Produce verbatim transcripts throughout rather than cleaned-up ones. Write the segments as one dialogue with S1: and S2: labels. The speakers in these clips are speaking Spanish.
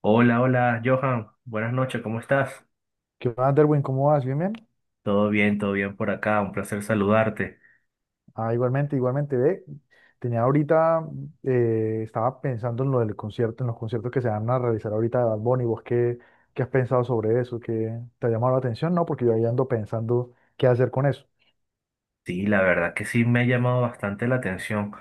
S1: Hola, hola, Johan. Buenas noches, ¿cómo estás?
S2: ¿Qué más, Derwin? ¿Cómo vas? ¿Bien, bien?
S1: Todo bien, todo bien por acá. Un placer saludarte.
S2: Ah, igualmente, igualmente, ve. Tenía ahorita, eh, estaba pensando en lo del concierto, en los conciertos que se van a realizar ahorita de Bad Bunny. ¿Vos qué, qué has pensado sobre eso? ¿Qué te ha llamado la atención? No, porque yo ahí ando pensando qué hacer con eso.
S1: Sí, la verdad que sí me ha llamado bastante la atención.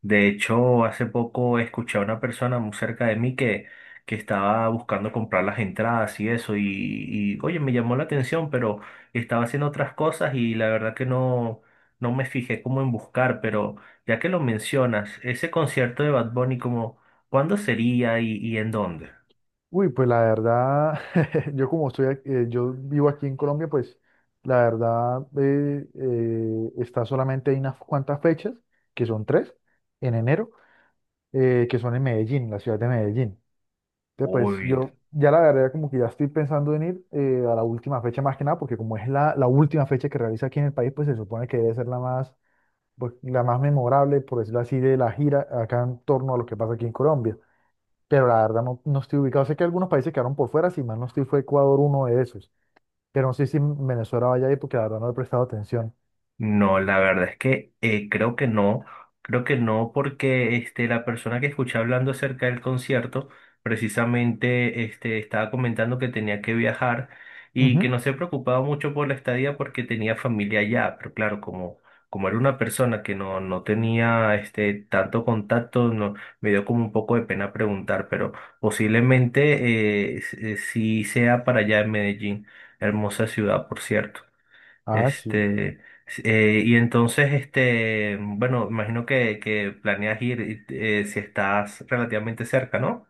S1: De hecho, hace poco escuché a una persona muy cerca de mí que, que estaba buscando comprar las entradas y eso. Y, y, oye, me llamó la atención, pero estaba haciendo otras cosas y la verdad que no, no me fijé como en buscar. Pero ya que lo mencionas, ese concierto de Bad Bunny, como, ¿cuándo sería y, y en dónde?
S2: Uy, pues la verdad, yo como estoy, ac- eh, yo vivo aquí en Colombia, pues la verdad eh, eh, está solamente hay unas cuantas fechas, que son tres, en enero, eh, que son en Medellín, la ciudad de Medellín. Que pues
S1: Uy.
S2: yo ya la verdad como que ya estoy pensando en ir eh, a la última fecha más que nada, porque como es la, la última fecha que realiza aquí en el país, pues se supone que debe ser la más, pues, la más memorable, por decirlo así, de la gira acá en torno a lo que pasa aquí en Colombia. Pero la verdad no, no estoy ubicado. Sé que algunos países quedaron por fuera, si mal no estoy, fue Ecuador uno de esos. Pero no sé si Venezuela vaya ahí porque la verdad no he prestado atención.
S1: No, la verdad es que eh, creo que no, creo que no porque este, la persona que escuché hablando acerca del concierto precisamente este, estaba comentando que tenía que viajar y que
S2: Ujú.
S1: no se preocupaba mucho por la estadía porque tenía familia allá, pero claro, como, como era una persona que no, no tenía este, tanto contacto, no, me dio como un poco de pena preguntar, pero posiblemente eh, s- eh, sí sea para allá en Medellín, hermosa ciudad, por cierto.
S2: Ah, sí.
S1: Este, s- eh, y entonces, este, bueno, imagino que, que planeas ir y, eh, si estás relativamente cerca, ¿no?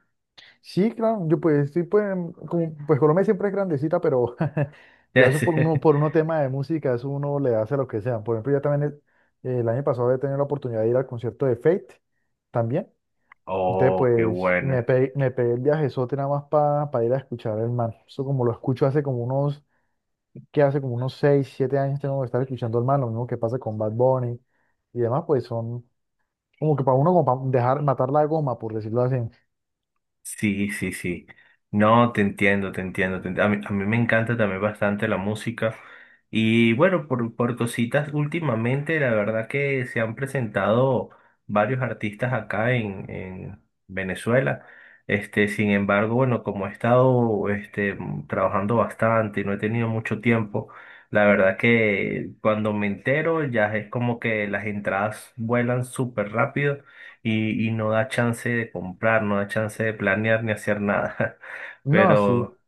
S2: Sí, claro, yo pues sí, pues, como- pues Colombia siempre es grandecita, pero ya
S1: Ya.
S2: eso por uno, por uno tema de música, eso uno le hace lo que sea. Por ejemplo, ya también el, el año pasado he tenido la oportunidad de ir al concierto de Fate también. Entonces,
S1: Oh, qué
S2: pues me
S1: bueno.
S2: pegué, me pegué el viajezote nada más para ir a escuchar al man. Eso como lo escucho hace como unos, que hace como unos seis siete años tengo que estar escuchando al man, lo mismo que pasa con Bad Bunny y demás, pues son como que para uno como para dejar matar la goma, por decirlo así.
S1: Sí, sí, sí. No, te entiendo, te entiendo. te ent- A mí, a mí me encanta también bastante la música. Y bueno, por, por cositas, últimamente la verdad que se han presentado varios artistas acá en, en Venezuela. Este, sin embargo, bueno, como he estado este, mm, trabajando bastante y no he tenido mucho tiempo, la verdad que cuando me entero ya es como que las entradas vuelan súper rápido y, y no da chance de comprar, no da chance de planear ni hacer nada.
S2: No, sí.
S1: Pero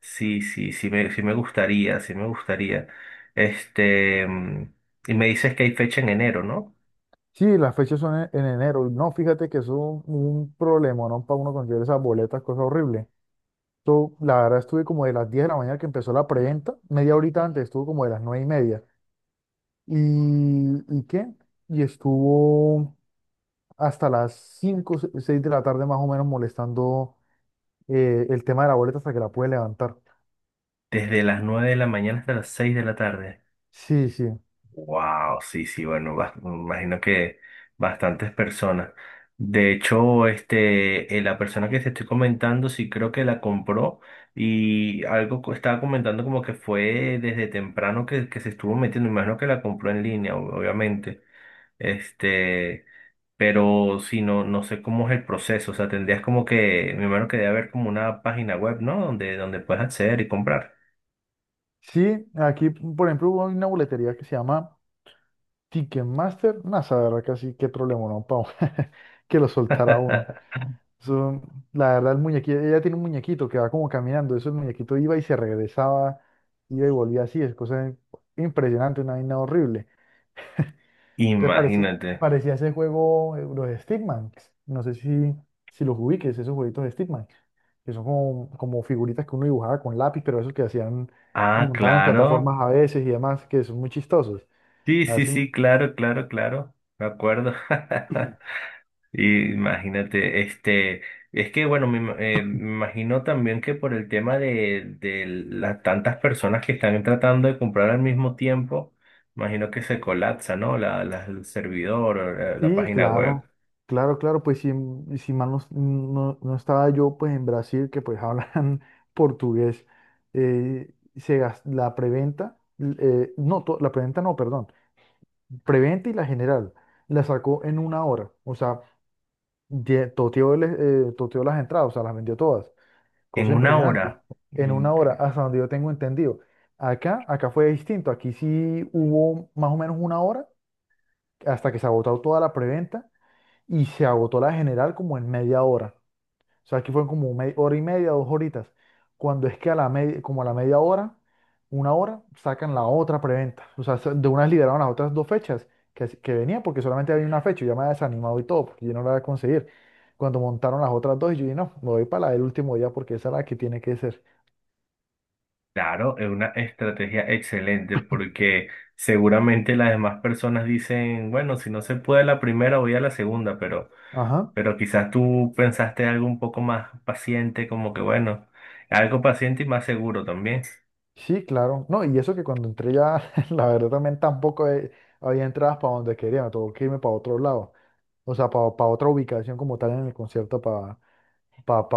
S1: sí, sí, sí me, sí me gustaría, sí me gustaría. Este, mm, y me dices que hay fecha en enero, ¿no?
S2: Sí, las fechas son en, en enero. No, fíjate que eso es un, un problema, ¿no? Para uno conseguir esas boletas, cosa horrible. Yo, la verdad, estuve como de las diez de la mañana que empezó la preventa, media horita antes, estuvo como de las nueve y media. ¿Y, y qué? Y estuvo hasta las cinco, seis de la tarde más o menos molestando eh, el tema de la boleta hasta que la pude levantar.
S1: Desde las nueve de la mañana hasta las seis de la tarde.
S2: Sí, sí.
S1: Wow, sí, sí, bueno, bas- me imagino que bastantes personas. De hecho, este, eh, la persona que te estoy comentando, sí creo que la compró y algo co- estaba comentando como que fue desde temprano que, que se estuvo metiendo. Me imagino que la compró en línea, ob- obviamente. Este, pero si no, no sé cómo es el proceso. O sea, tendrías como que, me imagino que debe haber como una página web, ¿no? Donde, donde puedes acceder y comprar.
S2: Sí, aquí, por ejemplo, hubo una boletería que se llama Ticketmaster. No, esa verdad, casi qué problema, ¿no? Para que lo soltara uno. Eso, la verdad, el muñequito, ella tiene un muñequito que va como caminando. Eso el muñequito iba y se regresaba, iba y volvía así. Es cosa impresionante, una vaina horrible. Entonces parecía,
S1: Imagínate.
S2: parecía ese juego, eh, los Stickman. No sé si, si los ubiques, esos jueguitos de Stickman, que son como, como figuritas que uno dibujaba con lápiz, pero esos que hacían, eh,
S1: Ah,
S2: montaban en
S1: claro.
S2: plataformas a veces y demás, que son muy chistosos.
S1: Sí, sí,
S2: Así,
S1: sí, claro, claro, claro, me acuerdo. Y imagínate, este, es que bueno, me, ima- eh, me imagino también que por el tema de, de las tantas personas que están tratando de comprar al mismo tiempo, imagino que se colapsa, ¿no? La, la- el servidor, o la, la
S2: sí,
S1: página web.
S2: claro, claro, claro, pues si, mm, si mal no, no- no estaba yo pues en Brasil, que pues hablan portugués, eh, se gas- la preventa, eh, no, to- la preventa no, perdón, preventa y la general, la sacó en una hora, o sea, ye- toteó, el, eh, toteó las entradas, o sea, las vendió todas, cosa
S1: En una
S2: impresionante,
S1: hora,
S2: en una hora,
S1: incre-
S2: hasta donde yo tengo entendido. Acá, acá fue distinto, aquí sí hubo más o menos una hora hasta que se agotó toda la preventa y se agotó la general como en media hora. O sea, aquí fueron como media, hora y media, dos horitas. Cuando es que a la media, como a la media hora, una hora, sacan la otra preventa. O sea, se- de unas liberaron las otras dos fechas que, as- que venía porque solamente había una fecha. Yo me había desanimado y todo, porque yo no la iba a conseguir. Cuando montaron las otras dos, yo dije, no, me voy para la del último día porque esa es la que tiene que ser.
S1: claro, es una estrategia excelente porque seguramente las demás personas dicen, bueno, si no se puede la primera, voy a la segunda, pero...
S2: Ajá,
S1: Pero quizás tú pensaste algo un poco más paciente, como que bueno, algo paciente y más seguro también.
S2: sí, claro. No, y eso que cuando entré ya, la verdad también tampoco eh, había entradas para donde quería, me tuvo que irme para otro lado. O sea, para otra ubicación como tal en el concierto, para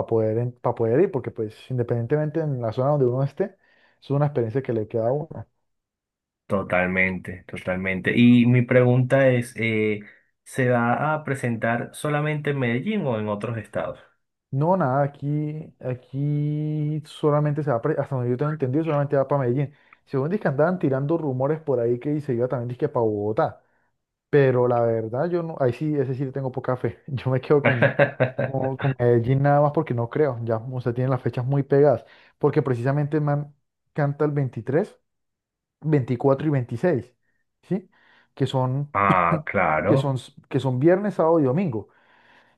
S2: poder, en- pa poder ir, porque pues independientemente en la zona donde uno esté, es una experiencia que le queda a uno.
S1: Totalmente, totalmente. Y mi pregunta es, eh, ¿se va a presentar solamente en Medellín o en otros estados?
S2: No, nada, aquí, aquí solamente se va, pre- hasta donde yo tengo entendido, solamente va para Medellín. Según dice que andaban tirando rumores por ahí que se iba también disque para Bogotá, pero la verdad yo no, ahí sí, ese sí le tengo poca fe. Yo me quedo con, con, con Medellín nada más porque no creo, ya, o sea, tienen las fechas muy pegadas, porque precisamente el man canta el veintitrés veinticuatro y veintiséis, ¿sí? Que son,
S1: Ah,
S2: que
S1: claro.
S2: son, que son viernes, sábado y domingo.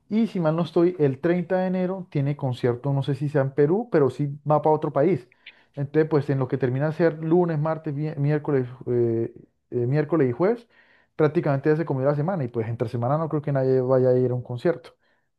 S2: Y si mal no estoy, el treinta de enero tiene concierto, no sé si sea en Perú, pero sí va para otro país. Entonces, pues en lo que termina de ser lunes, martes, mi- miércoles, eh, eh, miércoles y jueves, prácticamente ya se comió la semana. Y pues entre semana no creo que nadie vaya a ir a un concierto.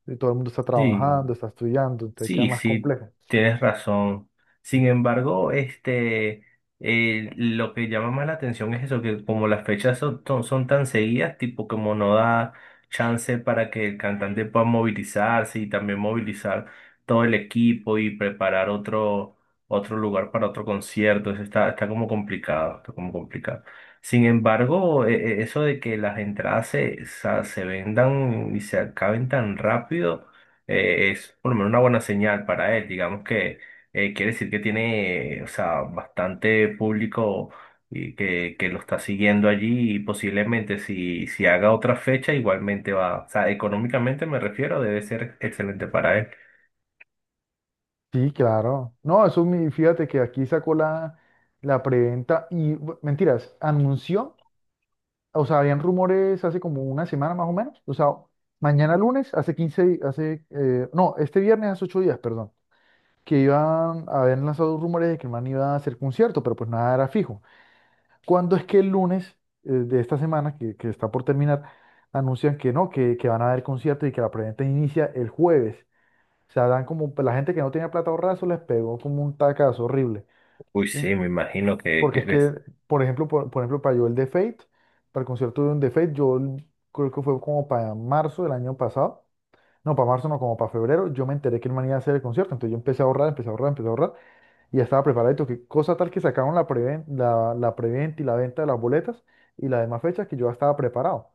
S2: Eh, Todo el mundo está
S1: Sí,
S2: trabajando, está estudiando, entonces queda
S1: sí,
S2: más
S1: sí,
S2: complejo.
S1: tienes razón. Sin embargo, este, eh, lo que llama más la atención es eso, que como las fechas son, son- son tan seguidas, tipo como no da chance para que el cantante pueda movilizarse y también movilizar todo el equipo y preparar otro, otro lugar para otro concierto. Eso está, está como complicado, está como complicado. Sin embargo, e- e- eso de que las entradas se, sa- se vendan y se acaben tan rápido eh, es por lo menos una buena señal para él. Digamos que eh, quiere decir que tiene, eh, o sea, bastante público y que, que lo está siguiendo allí y posiblemente si, si haga otra fecha igualmente va, o sea, económicamente me refiero, debe ser excelente para él.
S2: Sí, claro. No, eso mi, fíjate que aquí sacó la, la preventa y bu- mentiras, anunció, o sea, habían rumores hace como una semana más o menos, o sea, mañana lunes, hace quince, di- hace, eh, no, este viernes hace ocho días, perdón, que iban, habían lanzado rumores de que el man iba a hacer concierto, pero pues nada era fijo. ¿Cuándo es que el lunes eh, de esta semana, que, que está por terminar, anuncian que no, que, que van a haber concierto y que la preventa inicia el jueves? O sea, dan como, un- la gente que no tenía plata ahorrada, eso les pegó como un tacazo horrible,
S1: Uy,
S2: ¿sí?
S1: sí, me imagino que,
S2: Porque
S1: que
S2: es
S1: debe
S2: que, por ejemplo, por, por ejemplo, para yo el de Fate, para el concierto de un de Fate, yo creo que fue como para marzo del año pasado, no, para marzo no, como para febrero, yo me enteré que el man iba a hacer el concierto, entonces yo empecé a ahorrar, empecé a ahorrar, empecé a ahorrar, y ya estaba preparado, que cosa tal que sacaron la preventa, la, la preventa y la venta de las boletas y las demás fechas que yo ya estaba preparado.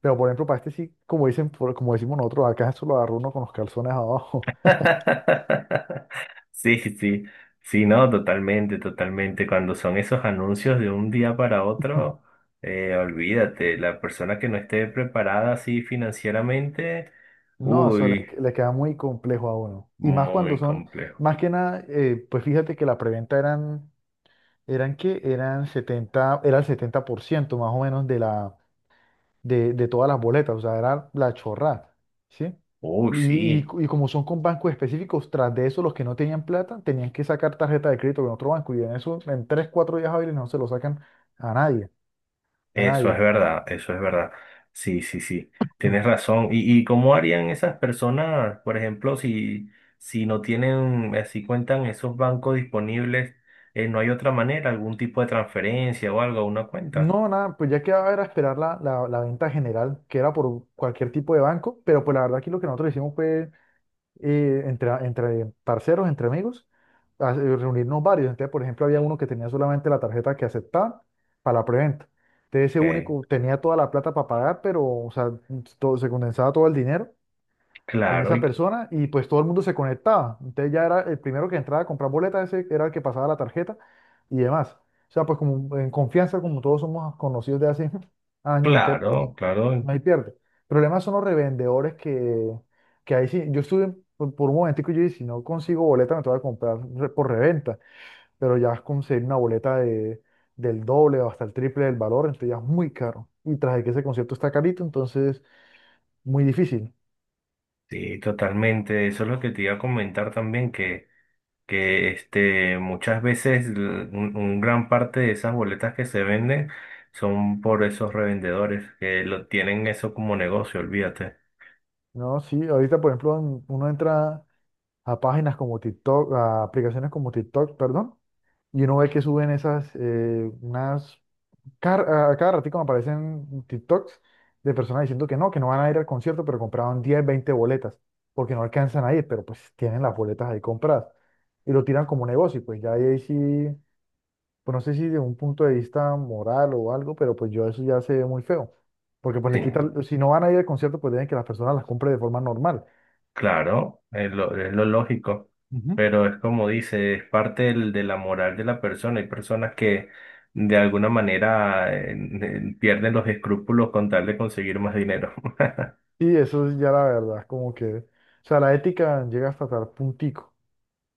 S2: Pero, por ejemplo, para este sí, como dicen, por- como decimos nosotros, acá eso lo agarró uno con los calzones abajo.
S1: sí, sí, sí, no, totalmente, totalmente. Cuando son esos anuncios de un día para otro, eh, olvídate, la persona que no esté preparada así financieramente,
S2: No, eso le,
S1: uy,
S2: le queda muy complejo a uno. Y más cuando
S1: muy
S2: son,
S1: complejo.
S2: más que nada, eh, pues fíjate que la preventa eran, eran que eran setenta era el setenta por ciento más o menos de la, de, de todas las boletas, o sea, era la chorrada, ¿sí?
S1: Uy,
S2: Y, y,
S1: sí.
S2: y como son con bancos específicos, tras de eso los que no tenían plata tenían que sacar tarjeta de crédito con otro banco y en eso, en tres cuatro días hábiles no se lo sacan a nadie, a
S1: Eso
S2: nadie.
S1: es verdad, eso es verdad. Sí, sí, sí, tienes razón. ¿Y, y cómo harían esas personas, por ejemplo, si, si no tienen, eh, si cuentan esos bancos disponibles, eh, no hay otra manera, algún tipo de transferencia o algo a una cuenta?
S2: No, nada, pues ya quedaba era esperar la, la, la venta general, que era por cualquier tipo de banco, pero pues la verdad aquí lo que nosotros hicimos fue eh, entre, entre parceros, entre amigos, a- eh, reunirnos varios. Entonces, por ejemplo, había uno que tenía solamente la tarjeta que aceptaba para la preventa. Entonces, ese
S1: Ok,
S2: único tenía toda la plata para pagar, pero, o sea, todo, se condensaba todo el dinero en
S1: claro,
S2: esa
S1: y,
S2: persona y pues todo el mundo se conectaba. Entonces ya era el primero que entraba a comprar boletas, ese era el que pasaba la tarjeta y demás. O sea, pues como en confianza, como todos somos conocidos de hace años, entonces pues
S1: claro, claro,
S2: no hay pierde. Problemas son los revendedores que, que ahí sí, yo estuve por, por un momentico y yo dije, si no consigo boleta me tengo que comprar re- por reventa, pero ya conseguir una boleta de, del doble o hasta el triple del valor, entonces ya es muy caro. Y tras de que ese concierto está carito, entonces muy difícil.
S1: sí, totalmente. Eso es lo que te iba a comentar también, que... que este, muchas veces l- un, un gran parte de esas boletas que se venden son por esos revendedores que lo tienen eso como negocio, olvídate.
S2: No, sí, ahorita por ejemplo en- uno entra a páginas como TikTok, a aplicaciones como TikTok, perdón, y uno ve que suben esas, eh, unas, car- a cada ratito me aparecen TikToks de personas diciendo que no, que no, van a ir al concierto, pero compraron diez veinte boletas, porque no alcanzan a ir, pero pues tienen las boletas ahí compradas, y lo tiran como negocio, y pues ya ahí sí, pues no sé si de un punto de vista moral o algo, pero pues yo eso ya se ve muy feo, porque pues le
S1: Sí,
S2: quitan, si no van a ir al concierto, pues deben que las personas las compren de forma normal.
S1: claro, es lo, es lo lógico,
S2: Ujú.
S1: pero es como dice, es parte del- de la moral de la persona. Hay personas que de alguna manera eh, eh, pierden los escrúpulos con tal de conseguir más dinero.
S2: Y eso es ya la verdad, como que, o sea, la ética llega hasta tal puntico.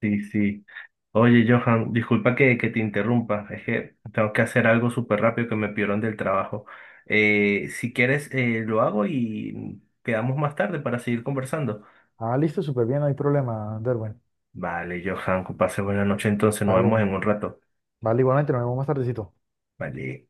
S1: Sí, sí. Oye, Johan, disculpa que, que te interrumpa, es que tengo que hacer algo súper rápido que me pidieron del trabajo. Eh, si quieres, eh, lo hago y quedamos más tarde para seguir conversando.
S2: Ah, listo, súper bien, no hay problema, Derwen.
S1: Vale, Johan, que pase buena noche entonces, nos vemos
S2: Vale,
S1: en un rato.
S2: vale, igualmente, nos vemos más tardecito.
S1: Vale.